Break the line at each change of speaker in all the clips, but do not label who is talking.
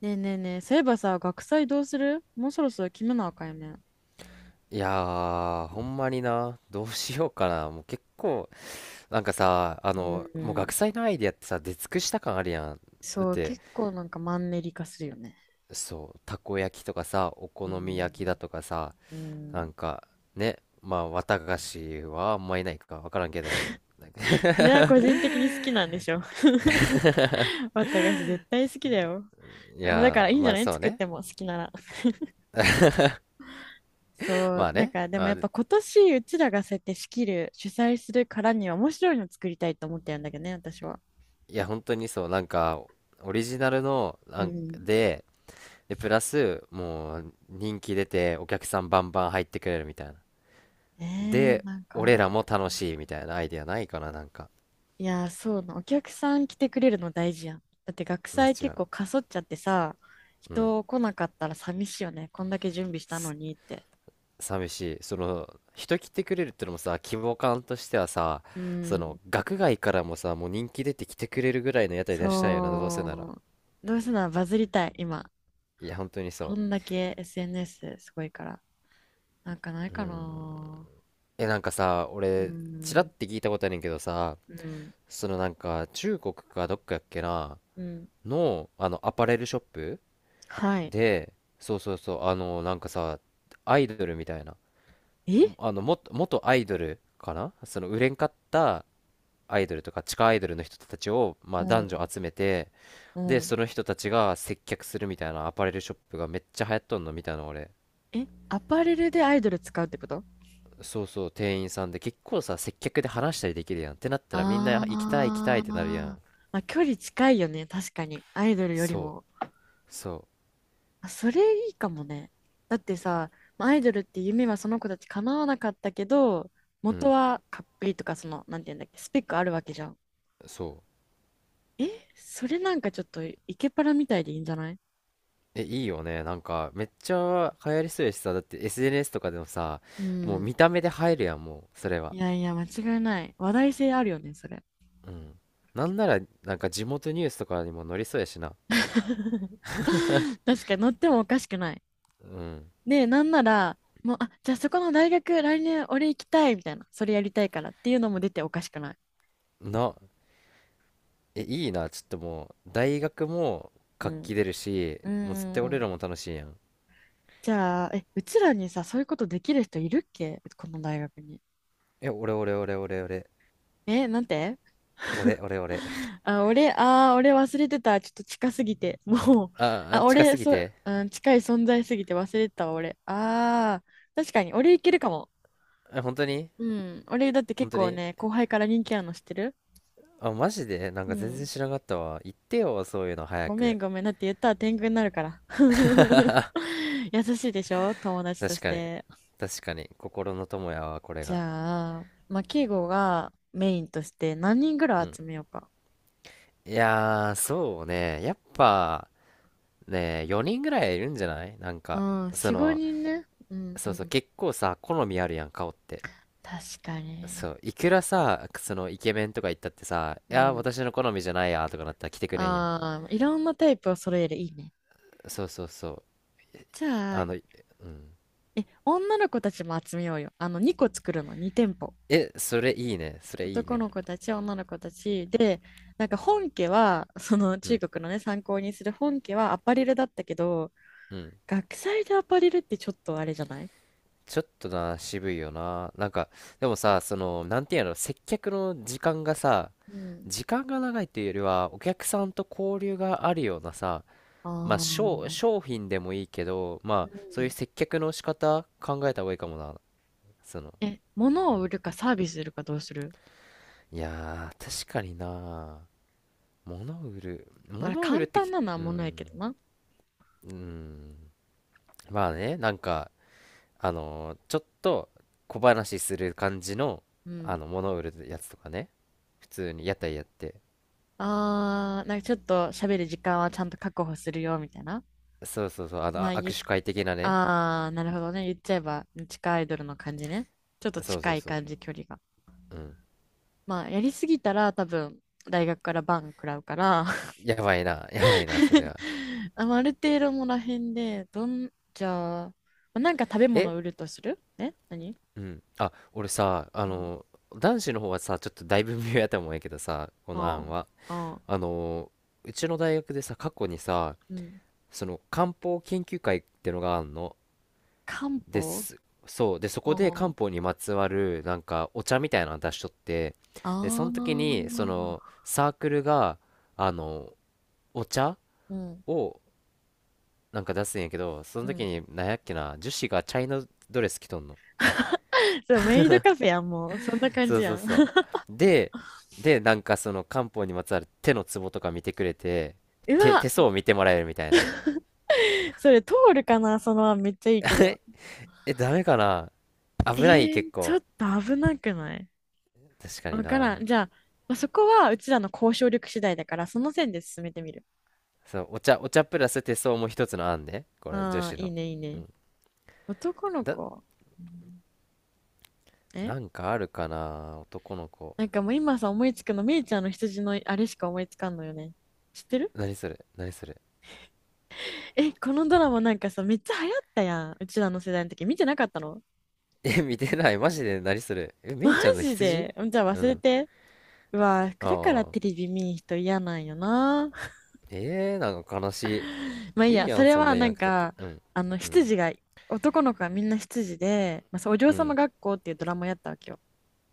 ねえねえねえ、そういえばさ、学祭どうする？もうそろそろ決めなあかんよね。
いやー、ほんまにな、どうしようかな。もう結構、なんかさ、あ
う
の、もう学
ん、
祭のアイディアってさ、出尽くした感あるやん。だっ
そう、
て、
結構なんかマンネリ化するよね。
そう、たこ焼きとかさ、お好
う
み
ん、
焼きだとかさ、
う
なん
ん、
か、ね、まあ、綿菓子はあんまいないかわからんけど、なんか
それ は個人的に好きなんでしょ？私絶対好きだよ。
い
もうだから
や
い
ー、
いんじ
ま
ゃ
あ
ない？
そう
作っ
ね。
ても好きなら。そ
ま
う、
あ
なん
ね。
かでもやっぱ今年うちらがそうやって仕切る、主催するからには面白いの作りたいと思ってるんだけどね、私は。
いや、本当にそう、オリジナルの、
う
なん
ん。
で、で、プラス、もう、人気出て、お客さんバンバン入ってくれるみたいな。で、
なんかあ
俺
る
ら
か？
も楽しいみたいなアイデアないかな、なんか。
いやー、そうな。お客さん来てくれるの大事やん。だって学
間違
祭
いな
結
い。
構かそっちゃってさ、
うん。
人来なかったら寂しいよね。こんだけ準備したの
す
にって。
寂しい。その、人来てくれるってのもさ、規模感としてはさ、
う
その、
ん。
学外からもさ、もう人気出て来てくれるぐらいの屋台出したいよな、どうせなら。
そう。どうせならバズりたい、今。
いや、本当に
こ
そ
んだけ SNS すごいから。なんかない
う。う
か
ん。
な。
え、なんかさ、
う
俺、ちらっ
ん。
て聞いたことあるんけどさ、
うん。
そのなんか、中国かどっかやっけな、
うん。
の、あの、アパレルショップ
はい。
で、そうそうそう、あの、なんかさ、アイドルみたいな。
え、
あのも元アイドルかな、その売れんかったアイドルとか地下アイドルの人たちを、ま
う
あ、男
ん。
女集めて、
う
で
ん。
その人たちが接客するみたいなアパレルショップがめっちゃ流行っとんの見たの俺。
え、アパレルでアイドル使うってこと？
そうそう、店員さんで結構さ、接客で話したりできるやんってなったらみんな
あ
行きたい行きたいっ
あ、
てなるやん。
まあ、距離近いよね、確かに。アイドルより
そ
も。
うそ
あ、それいいかもね。だってさ、まあアイドルって夢はその子たち叶わなかったけど、
う。う
元
ん、
はかっこいいとか、その、なんていうんだっけ、スペックあるわけじゃん。
そう。
え、それなんかちょっと、イケパラみたいでいいんじゃない？
え、いいよね、なんかめっちゃ流行りそうやしさ。だって SNS とかでもさ、
う
もう
ん。
見た目で入るやん、もうそれは。
いやいや、間違いない。話題性あるよね、それ。
うん。なんなら、なんか地元ニュースとかにも載りそうやしな。
確かに乗ってもおかしくない。
うん。
で、なんなら、もう、あ、じゃあそこの大学、来年俺行きたいみたいな、それやりたいからっていうのも出ておかしくない。
な、え、いいな。ちょっともう、大学も
う
活気
ん。
出るし、
う
もう絶対俺ら
ん。
も楽しいやん。
じゃあ、え、うちらにさ、そういうことできる人いるっけ、この大学に？
え、俺俺俺俺俺。
え、なんて？
俺俺俺。
あ、俺、あー、俺忘れてた。ちょっと近すぎて。もう、
あ、あ
あ、
近す
俺、
ぎ
そう、
て。
うん、近い存在すぎて忘れてたわ、俺。あー、確かに、俺いけるかも。
え、本当に？
うん。俺、だって
本
結
当
構
に？
ね、後輩から人気あるの知ってる？
あ、マジでなんか
う
全然
ん。
知らなかったわ。言ってよ、そういうの早
ごめん
く。
ごめん。だって言ったら天狗になるから。優しいでしょ友達と
確
し
かに。
て。
確かに。心の友やわ、これ
じ
が。
ゃあ、まあ、敬語がメインとして何人ぐら
う
い
ん。
集めようか。
いやー、そうね。やっぱ、ね、4人ぐらいいるんじゃない？なん
うん、
か、そ
4、
の、
5人ね。うんう
そうそう、
ん。
結構さ、好みあるやん、顔って。
確か
そ
に。
う、いくらさ、そのイケメンとか言ったってさ、い
う
やー、
ん。
私の好みじゃないやーとかなったら来てくれんやん。
ああ、いろんなタイプを揃える。いいね。
そうそうそう。
じゃあ、
あ
え、
の、いうん。
女の子たちも集めようよ。あの、2個作るの、2店舗。
え、それいいね。それいい
男
ね。
の子たち、女の子たち。で、なんか本家は、その
う
中
ん。
国のね、参考にする本家はアパレルだったけど、
うん。
学祭でアパレルってちょっとあれじゃない？
ちょっとな、渋いよな。なんか、でもさ、その、なんていうの、接客の時間がさ、
うん。
時間が長いというよりは、お客さんと交流があるようなさ、
あ
まあ、
あ。
商品でもいいけど、
う
まあ、そういう
ん。
接客の仕方考えた方がいいかもな。その、
え、物
う
を売
ん、
るかサービスするか、どうする？
いやー、確かにな。モ
まあ、
ノウルっ
簡
て
単
き、
なのは
う
物やけ
ん、
どな。
うん。まあね、なんか、あのーちょっと小話する感じの、
う
あ
ん。
の、モノウルのやつとかね。普通に屋台やって。
ああ、なんかちょっと喋る時間はちゃんと確保するよ、みたいな。
そうそうそう、あの、
ま
あ
あ、言
握
っ、
手会的なね。
あー、なるほどね。言っちゃえば、地下アイドルの感じね。ちょっと
そうそう
近い
そう。
感じ、距離が。
うん。
まあ、やりすぎたら多分、大学からバン食らうから。
やばいな、やばいな、それ は。
まあある程度もらへんで、じゃあ、まあなんか食べ物
え、
を売るとする？え、何？
うん。あ、俺さ、あ
うん。
の男子の方はさ、ちょっとだいぶ微妙やと思うんやけどさ、この案
あ
は。
あ、ああ、
あのうちの大学でさ、過去にさ、
うん。
その漢方研究会ってのがあるの
漢
で
方？
す。そうで、そこで
あ
漢方
あ、
にまつわるなんかお茶みたいなの出しとって、でそ
あ
の時にそ
あ、
のサークルがあのお茶
うん、
をなんか出すんやけど、そ
う
の時
ん。
になんやっけな、女子がチャイナドレス着とんの。
そう、メイドカフェやん、もう。そんな感
そう
じ
そ
や
う
ん。
そう。 で、でなんかその漢方にまつわる手のツボとか見てくれて、
うわ、
手相を見てもらえるみたいな。
それ通るかな？その案めっちゃい いけど。
え、えダメかな？危ない結
ちょっ
構？
と危なくない？
確かに
わから
な。
ん。じゃあ、まあ、そこはうちらの交渉力次第だから、その線で進めてみる。
そう、お茶プラス手相も一つの案ね。この女
ああ、
子
いい
の。
ね、いい
う
ね。
ん。
男の
だ、
子。え、
なんかあるかな男の子。
なんかもう今さ、思いつくの、みイちゃんの羊のあれしか思いつかんのよね。知ってる？
何それ何それ？
え、このドラマなんかさ、めっちゃ流行ったやん。うちらの世代の時、見てなかったの？
え、見てない。マジで何それ？え、め
マ
いちゃんの
ジ
羊？
で？じゃあ
う
忘れ
ん。
て。うわ、だから
あ
テ
あ。
レビ見ん人嫌なんよな。
えー、なんか悲し
まあいい
い。いい
や、
や
そ
ん、
れ
そん
は
なん言
な
わん
ん
くたって。
か、
うん。うん。
羊が、男の子はみんな羊で、まあ、そうお嬢
う
様
ん。
学校っていうドラマやったわけよ。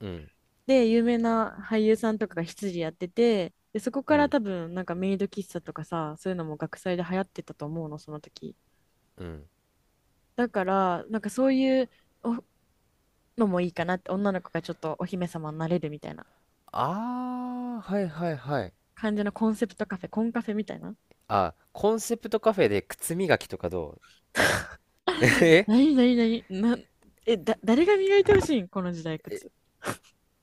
うん。
で、有名な俳優さんとかが執事やってて、で、そこ
う
から
ん。
多分、なんかメイド喫茶とかさ、そういうのも学祭で流行ってたと思うの、その時。
うん。
だから、なんかそういうおのもいいかなって、女の子がちょっとお姫様になれるみたいな
ああ、はいはいはい。
感じのコンセプトカフェ、コンカフェみたいな。
あ、コンセプトカフェで靴磨きとかどう？ え、
なになになにな、え、誰が磨いてほしいん、この時代靴？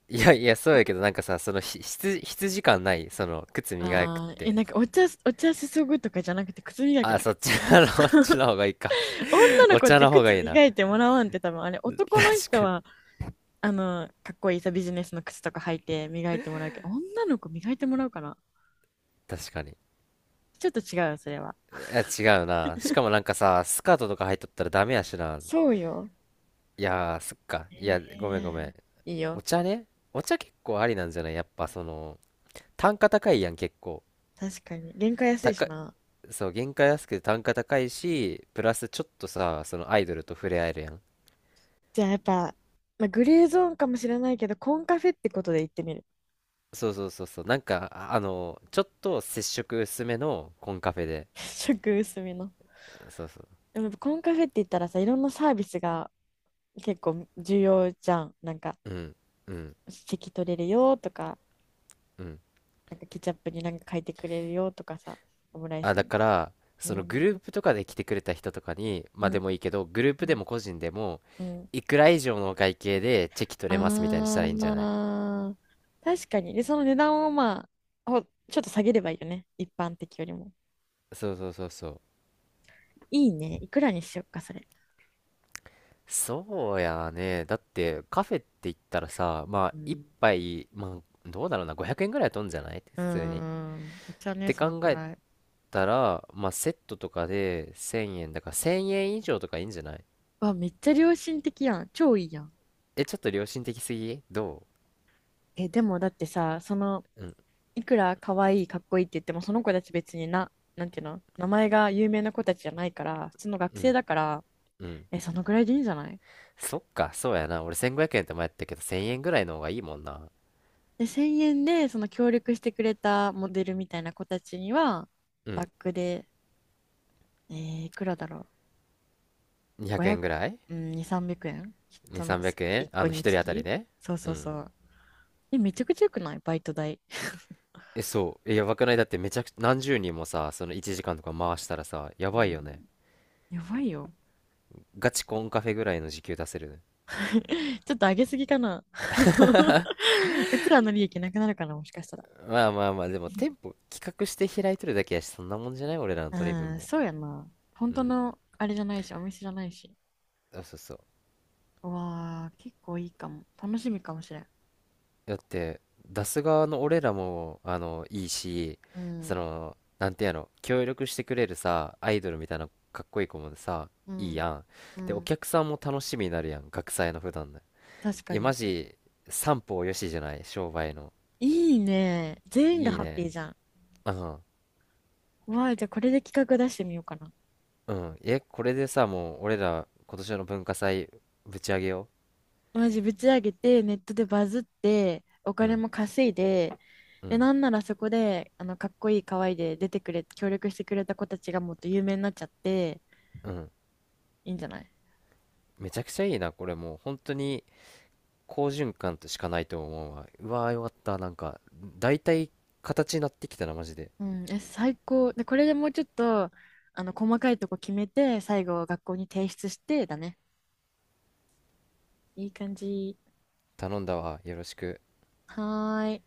いやいや、そうやけど、なんかさ、そのひ、羊感ない？その、靴磨くっ
ああ、え、な
て。
んかお茶、お茶注ぐとかじゃなくて靴磨き
あ、
な。
そっちの、そっちの方がいいか。
女の
お
子っ
茶
て
の方が
靴
いいな。
磨いてもらわんって多分あれ、
確
男の人
かに、
はかっこいいさ、ビジネスの靴とか履いて磨いてもらうけど、女の子磨いてもらうかな？
確かに。
ちょっと違うよ、それは。
いや、違うな。しかもなんかさ、スカートとか入っとったらダメやしな。
そうよ。
いやー、そっか。いや、ごめん
え
ごめ
え、
ん。
いい
お
よ。
茶ね。お茶結構ありなんじゃない？やっぱその、単価高いやん、結構。
確かに。原価安い
高
し
い、
な。
そう、原価安くて単価高いし、プラスちょっとさ、そのアイドルと触れ合えるやん。
じゃあやっぱ、まあ、グレーゾーンかもしれないけど、コンカフェってことで行ってみる。
そうそうそうそう。なんか、ちょっと接触薄めのコンカフェで。
食薄めの。
そうそう。
でもやっぱコンカフェって言ったらさ、いろんなサービスが結構重要じゃん。なんか、
うん、うん、
席取れるよとか、
うん。
なんかケチャップになんか書いてくれるよとかさ、オムライ
あ、
ス
だ
に。
から、
う
そのグ
ん、
ループとかで来てくれた人とかに、
う
まあで
ん、
もいいけど、グルー
う
プで
ん。
も個人でも、
うん、
いくら以上のお会計でチェキ取れますみたいにし
あ
たらいいんじゃない？
あ、確かに。で、その値段をまあ、ちょっと下げればいいよね。一般的よりも。
そうそうそうそう。
いいね。いくらにしよっか、それ。
そうやね。だって、カフェって言ったらさ、まあ、
う
一
ん。
杯、まあ、どうだろうな、500円ぐらいは取んじゃない？
うー
普通に。
ん。お茶
っ
ね、
て
その
考
く
え
らい。
たら、まあ、セットとかで1000円だから、1000円以上とかいいんじゃない？
わ、めっちゃ良心的やん。超いいやん。
え、ちょっと良心的すぎど。
え、でもだってさ、その、
ううん、
いくら可愛い、かっこいいって言っても、その子たち別にな、なんていうの、名前が有名な子たちじゃないから、普通の学
う
生
ん、
だから、
うん。
え、そのぐらいでいいんじゃない？
そっか、そうやな。俺1500円って前やったけど、1000円ぐらいの方がいいもんな。
で、1000円で、その協力してくれたモデルみたいな子たちには、
うん。
バックで、いくらだろう。
200円
500、
ぐらい？
うん、2、300円、
2、
その、
300円
1
あ
個
の、一
に
人
つ
当たり
き、
ね。
そう
う
そうそ
ん。
う。え、めちゃくちゃよくない？バイト代。
え、そう。え、やばくない？だってめちゃくちゃ、何十人もさ、その1時間とか回したらさ、や
う
ばいよ
ん、
ね。
やばいよ。
ガチコンカフェぐらいの時給出せるね。
ちょっと上げすぎかな。うちらの利益なくなるかな、もしかしたら。
まあまあまあ、でも店舗企画して開いとるだけやし、そんなもんじゃない？俺らの
う
取り分
ん、
も。
そうやな。本
う
当
ん。
のあれじゃないし、お店じゃないし。
あ、そうそう。
うわあ、結構いいかも。楽しみかもしれん。
だって出す側の俺らもあのいいし、
う
そ
ん、
のなんてやの協力してくれるさ、アイドルみたいなかっこいい子もさ
う
いい
ん、
やん。
う
でお
ん。
客さんも楽しみになるやん、学祭の普段の。
確
い
か
やマ
に。
ジ三方よしじゃない？商売の。
いいね。全員が
いい
ハッピー
ね。
じゃん。
うん。
うわあ、じゃあこれで企画出してみようかな。
うん。え、これでさ、もう俺ら今年の文化祭ぶち上げよ
マジぶち上げて、ネットでバズって、お
う。う
金
ん。
も稼いで、
う
で、
ん。
なんならそこで、かっこいい、可愛いで出てくれ、協力してくれた子たちがもっと有名になっちゃって、
うん。
いいんじゃない？
めちゃくちゃいいなこれ。もう本当に好循環としかないと思うわ。うわー、よかった。なんか、だいたい形になってきたな、マジで。
うん、え、最高。で、これでもうちょっと、細かいとこ決めて、最後、学校に提出して、だね。いい感じ。
頼んだわ。よろしく。
はーい。